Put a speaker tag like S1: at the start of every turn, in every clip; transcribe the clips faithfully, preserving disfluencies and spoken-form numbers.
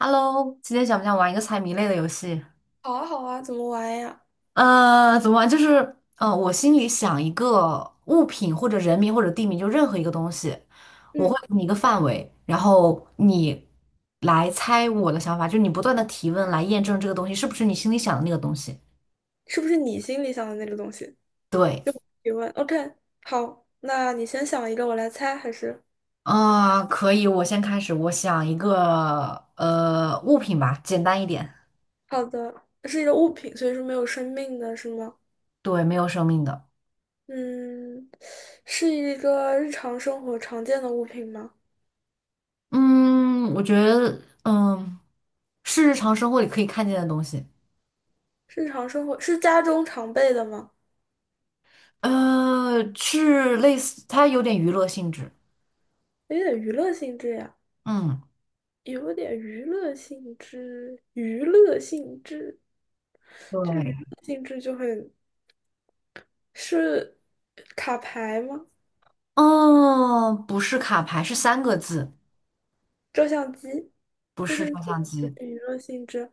S1: Hello，今天想不想玩一个猜谜类的游戏？
S2: 好啊，好啊，怎么玩呀？
S1: 呃，怎么玩？就是，呃，我心里想一个物品或者人名或者地名，就任何一个东西，我
S2: 嗯，
S1: 会给你一个范围，然后你来猜我的想法，就是你不断的提问来验证这个东西是不是你心里想的那个东西。
S2: 是不是你心里想的那个东西？
S1: 对，
S2: 提问。OK，好，那你先想一个，我来猜，还是？
S1: 啊、可以，我先开始，我想一个呃物品吧，简单一点，
S2: 好的，是一个物品，所以说没有生命的，是吗？
S1: 对，没有生命的。
S2: 嗯，是一个日常生活常见的物品吗？
S1: 嗯，我觉得，嗯，是日常生活里可以看见的东西。
S2: 日常生活是家中常备的吗？
S1: 呃，是类似，它有点娱乐性质。
S2: 有点娱乐性质呀，
S1: 嗯，
S2: 有点娱乐性质，娱乐性质，这个娱
S1: 对，
S2: 乐性质就很，是卡牌吗？
S1: 哦，不是卡牌，是三个字，
S2: 照相机。
S1: 不
S2: 就
S1: 是
S2: 是
S1: 照相机。
S2: 娱乐性质，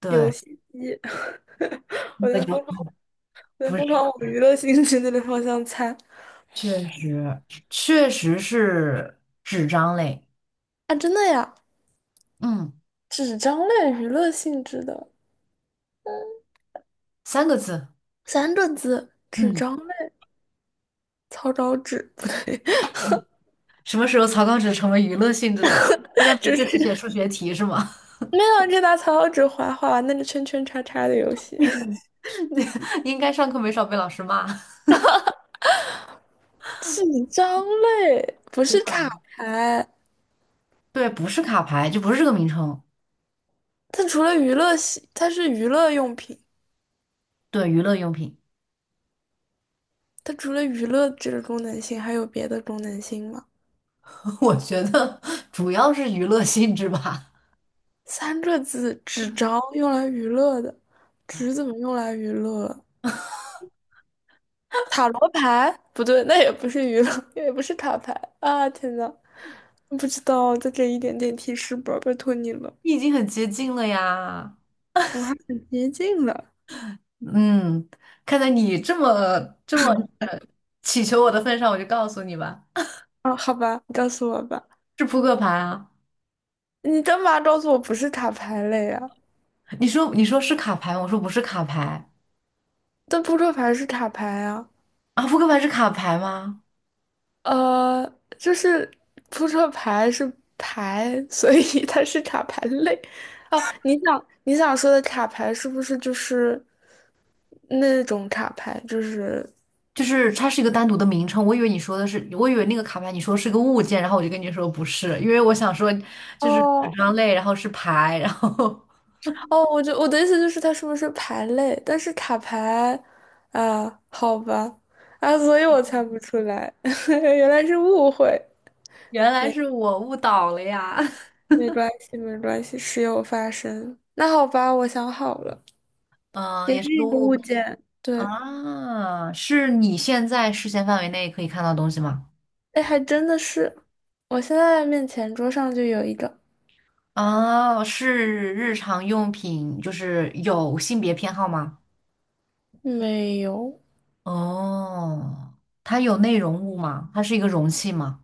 S1: 对，
S2: 游戏机，我
S1: 那
S2: 在
S1: 就
S2: 疯狂，我在
S1: 不是，
S2: 疯狂往娱乐性质那个方向猜。
S1: 确实，确实是纸张类。
S2: 啊！真的呀，
S1: 嗯，
S2: 纸张类娱乐性质的
S1: 三个字。
S2: 三个字，纸
S1: 嗯，
S2: 张类，草稿纸不对，
S1: 嗯什么时候草稿纸成为娱乐性质了？大家 不
S2: 就
S1: 事只
S2: 是
S1: 写数学题是吗？
S2: 没有啊，就拿草稿纸划划玩那个圈圈叉叉的游戏，
S1: 应该上课没少被老师骂。
S2: 纸张类不
S1: 对
S2: 是卡牌，
S1: 对，不是卡牌，就不是这个名称。
S2: 它除了娱乐性，它是娱乐用品，
S1: 对，娱乐用品。
S2: 它除了娱乐这个功能性，还有别的功能性吗？
S1: 我觉得主要是娱乐性质吧。
S2: 三个字，纸张用来娱乐的，纸怎么用来娱乐？塔罗牌？不对，那也不是娱乐，也不是塔牌。啊！天呐，不知道，就这一点点提示吧，拜托你了，
S1: 你已经很接近了呀。
S2: 我还很接近了。
S1: 嗯，看在你这么这么呃祈求我的份上，我就告诉你吧，
S2: 啊！好吧，你告诉我吧，
S1: 是扑克牌啊。
S2: 你干嘛告诉我不是塔牌类啊？
S1: 你说你说是卡牌吗？我说不是卡牌
S2: 但扑克牌是塔牌啊。
S1: 啊。扑克牌是卡牌吗？
S2: 呃，就是扑克牌是牌，所以 它是卡牌类。哦，你想你想说的卡牌是不是就是那种卡牌？就是
S1: 就是它是一个单独的名称，我以为你说的是，我以为那个卡牌你说是个物件，然后我就跟你说不是，因为我想说就是纸
S2: 哦
S1: 张类，然后是牌，然后
S2: 哦，我就我的意思就是它是不是牌类？但是卡牌。啊，好吧。啊，所以我猜不出来，原来是误会。
S1: 原来是我误导了呀。
S2: 没关系，没关系，时有发生。那好吧，我想好了，
S1: 嗯，
S2: 也
S1: 也是
S2: 是
S1: 个
S2: 一个
S1: 误。
S2: 物件，对。
S1: 啊，是你现在视线范围内可以看到的东西吗？
S2: 哎，还真的是，我现在面前桌上就有一个，
S1: 啊，是日常用品，就是有性别偏好吗？
S2: 没有，
S1: 哦，它有内容物吗？它是一个容器吗？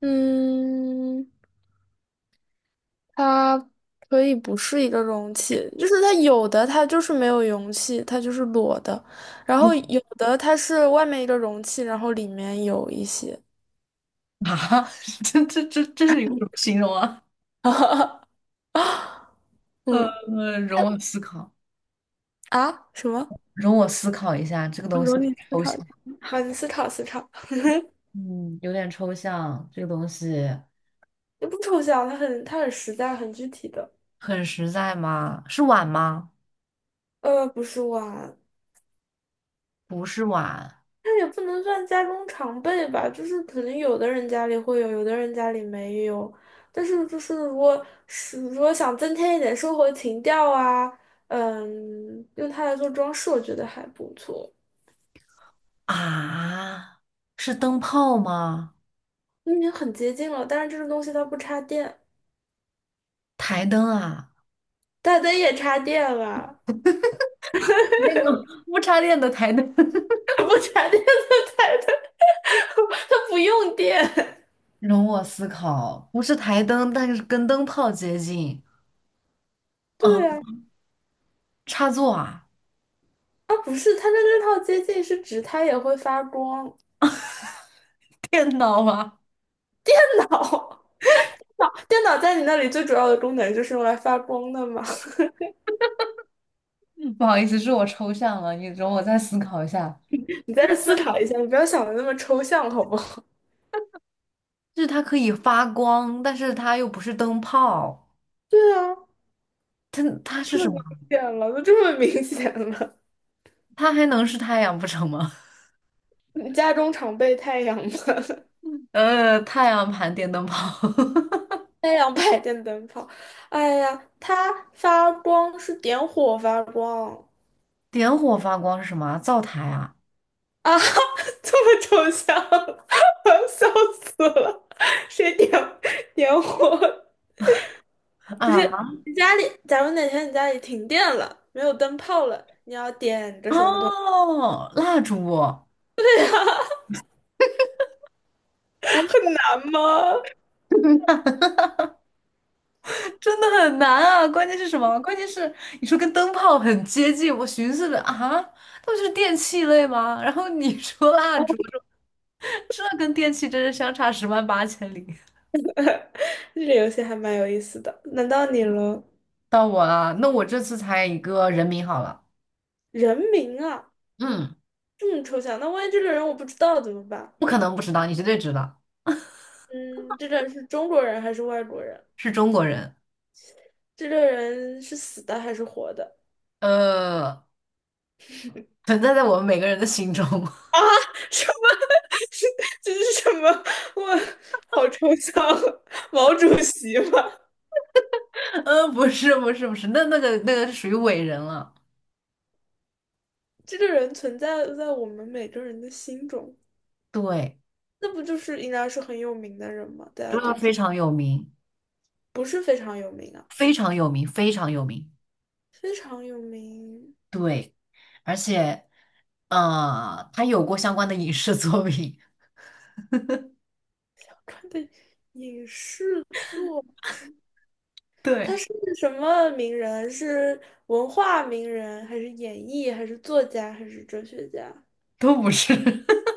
S2: 嗯，它可以不是一个容器，就是它有的它就是没有容器，它就是裸的，然后有的它是外面一个容器，然后里面有一些，
S1: 啊，这这这这是一个什么形容啊？
S2: 嗯，
S1: 呃，容我思考，
S2: 啊，什么？
S1: 容我思考一下，这个
S2: 我
S1: 东西
S2: 容你思
S1: 抽
S2: 考，
S1: 象，
S2: 好，你思考思考，
S1: 嗯，有点抽象。这个东西
S2: 你不抽象，它很它很实在，很具体的，
S1: 很实在吗？是碗吗？
S2: 呃，不是碗，
S1: 不是碗
S2: 那也不能算家中常备吧，就是可能有的人家里会有，有的人家里没有。但是就是如果是如果想增添一点生活情调啊，嗯，用它来做装饰，我觉得还不错。
S1: 啊，是灯泡吗？
S2: 嗯已经很接近了，但是这个东西它不插电，
S1: 台灯啊，
S2: 大灯也插电了，
S1: 那个不插电的台灯，
S2: 不插电的台灯，它不用电。
S1: 容我思考，不是台灯，但是跟灯泡接近。
S2: 对
S1: 啊，
S2: 啊，
S1: 插座啊，
S2: 啊不是，它的这套接近是指它也会发光。
S1: 电脑吗？
S2: 老。电脑在你那里最主要的功能就是用来发光的嘛
S1: 嗯不好意思，是我抽象了，你容我再思考一下。
S2: 你再思考一下，你不要想的那么抽象，好不好？
S1: 就是它可以发光，但是它又不是灯泡，
S2: 对啊，
S1: 它它是
S2: 这么
S1: 什
S2: 明
S1: 么？
S2: 显了，都这么明显了。
S1: 它还能是太阳不成吗？
S2: 你家中常备太阳吗？
S1: 呃，太阳盘电灯泡，
S2: 太阳牌电灯泡，哎呀，它发光是点火发光。
S1: 点火发光是什么啊？灶台啊
S2: 啊，这么抽象，我要笑死了。谁点点火？不
S1: 啊
S2: 是你家里，假如哪天你家里停电了，没有灯泡了，你要点个什么东
S1: 哦，蜡烛。
S2: 很 难吗？
S1: 真的很难啊！关键是什么？关键是你说跟灯泡很接近，我寻思着啊，那不就是电器类吗？然后你说蜡烛，这跟电器真是相差十万八千里。
S2: 这个游戏还蛮有意思的，难到你了。
S1: 到我了，那我这次猜一个人名好了，
S2: 人名啊，
S1: 嗯，
S2: 这么抽象，那万一这个人我不知道怎么办？
S1: 不可能不知道，你绝对知道，
S2: 嗯，这个人是中国人还是外国人？
S1: 是中国人。
S2: 这个人是死的还是活的？
S1: 呃，存在在我们每个人的心中。
S2: 啊，什么？是这是什么？我好抽象啊，毛主席吗？
S1: 呃，不是，不是，不是，那那个那个是属于伟人了，
S2: 这个人存在在我们每个人的心中，
S1: 对，
S2: 那不就是应该是很有名的人吗？大家
S1: 这
S2: 都
S1: 个非
S2: 知，
S1: 常有名，
S2: 不是非常有名啊，
S1: 非常有名，非常有名。
S2: 非常有名。
S1: 对，而且呃，他有过相关的影视作品，
S2: 想看的影视作，他
S1: 对，
S2: 是什么名人？是文化名人，还是演艺，还是作家，还是哲学家？
S1: 都不是，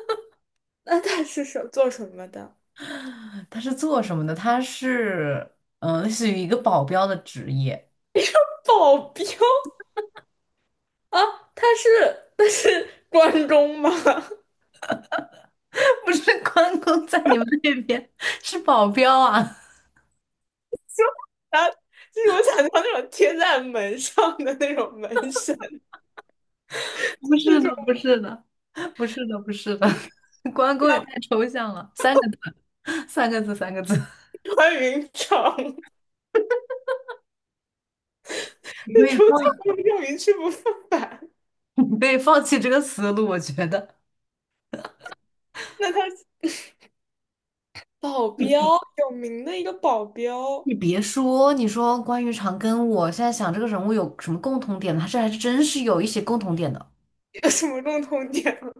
S2: 那他是什做什么的？
S1: 他是做什么的？他是嗯、呃，类似于一个保镖的职业，
S2: 保镖啊？他是他是关中吗？
S1: 不是关公在你们那边是保镖啊？
S2: 啊，就是我想象那种贴在门上的那种门神，
S1: 不
S2: 这
S1: 是
S2: 种
S1: 的，不是的，不是的，不是的，关公也
S2: 像
S1: 太抽象了，三个 三个字，三个字，
S2: 穿云长，
S1: 你可
S2: 那
S1: 以
S2: 种
S1: 放，
S2: 叫用一去不复返。
S1: 你可以放弃这个思路，我觉得。
S2: 那他是保镖有名的一个保镖，
S1: 你别说，你说关于长庚，我现在想这个人物有什么共同点呢他是还真是有一些共同点的。
S2: 有什么共同点吗？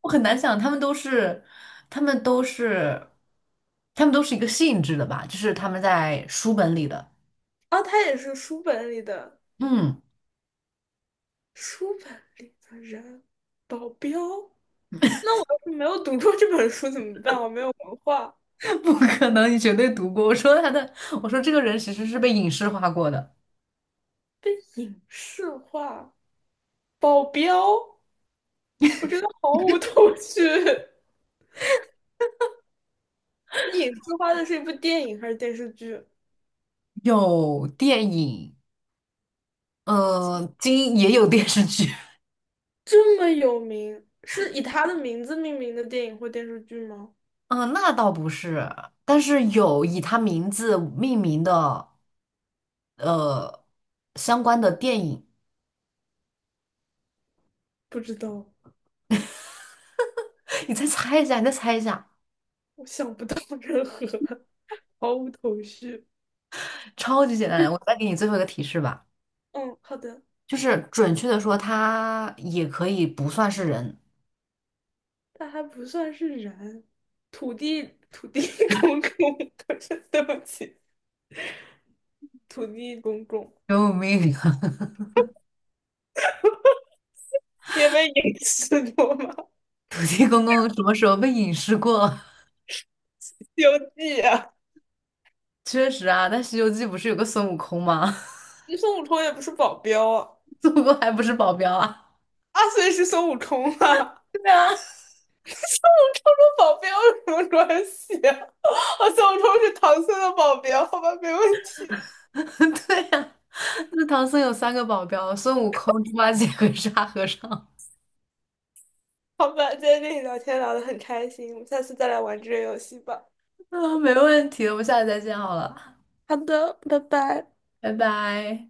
S1: 我很难想，他们都是，他们都是，他们都是一个性质的吧？就是他们在书本里的，
S2: 哦，他也是书本里的
S1: 嗯，
S2: 书本里的人，保镖。那我要是没有读过这本书怎么办？我没有文化，
S1: 不可能，你绝对读过。我说他的，我说这个人其实是被影视化过的，
S2: 被影视化，保镖，我真的毫无头绪。影视化的是一部电影还是电视剧？
S1: 有电影，呃，今也有电视剧，
S2: 这么有名，是以他的名字命名的电影或电视剧吗？
S1: 嗯、那倒不是，但是有以他名字命名的。呃相关的电影。
S2: 不知道，
S1: 你再猜一下，你再猜一下，
S2: 我想不到任何，毫无头绪。
S1: 超级简单的。我再给你最后一个提示吧，
S2: 嗯，好的。
S1: 就是准确的说，他也可以不算是人。
S2: 他还不算是人，土地土地 公公，不是对不起，土地公公
S1: 救命啊！
S2: 因为影视过吗？
S1: 土地公公什么时候被隐士过
S2: 《西游记》啊，
S1: 确实啊，但《西游记》不是有个孙悟空吗？
S2: 那孙悟空也不是保镖啊，
S1: 孙悟空还不是保镖啊？
S2: 阿虽是孙悟空啊，
S1: 对啊，
S2: 孙悟空跟保镖有什么关系啊？我孙悟空是唐僧的保镖，好吧，没问题。
S1: 对啊，那唐僧有三个保镖，孙悟空、猪八戒和沙和尚。
S2: 好吧，今天跟你聊天聊得很开心，我们下次再来玩这个游戏吧。
S1: 啊，没问题，我们下次再见好了，
S2: 好的，拜拜。
S1: 拜拜。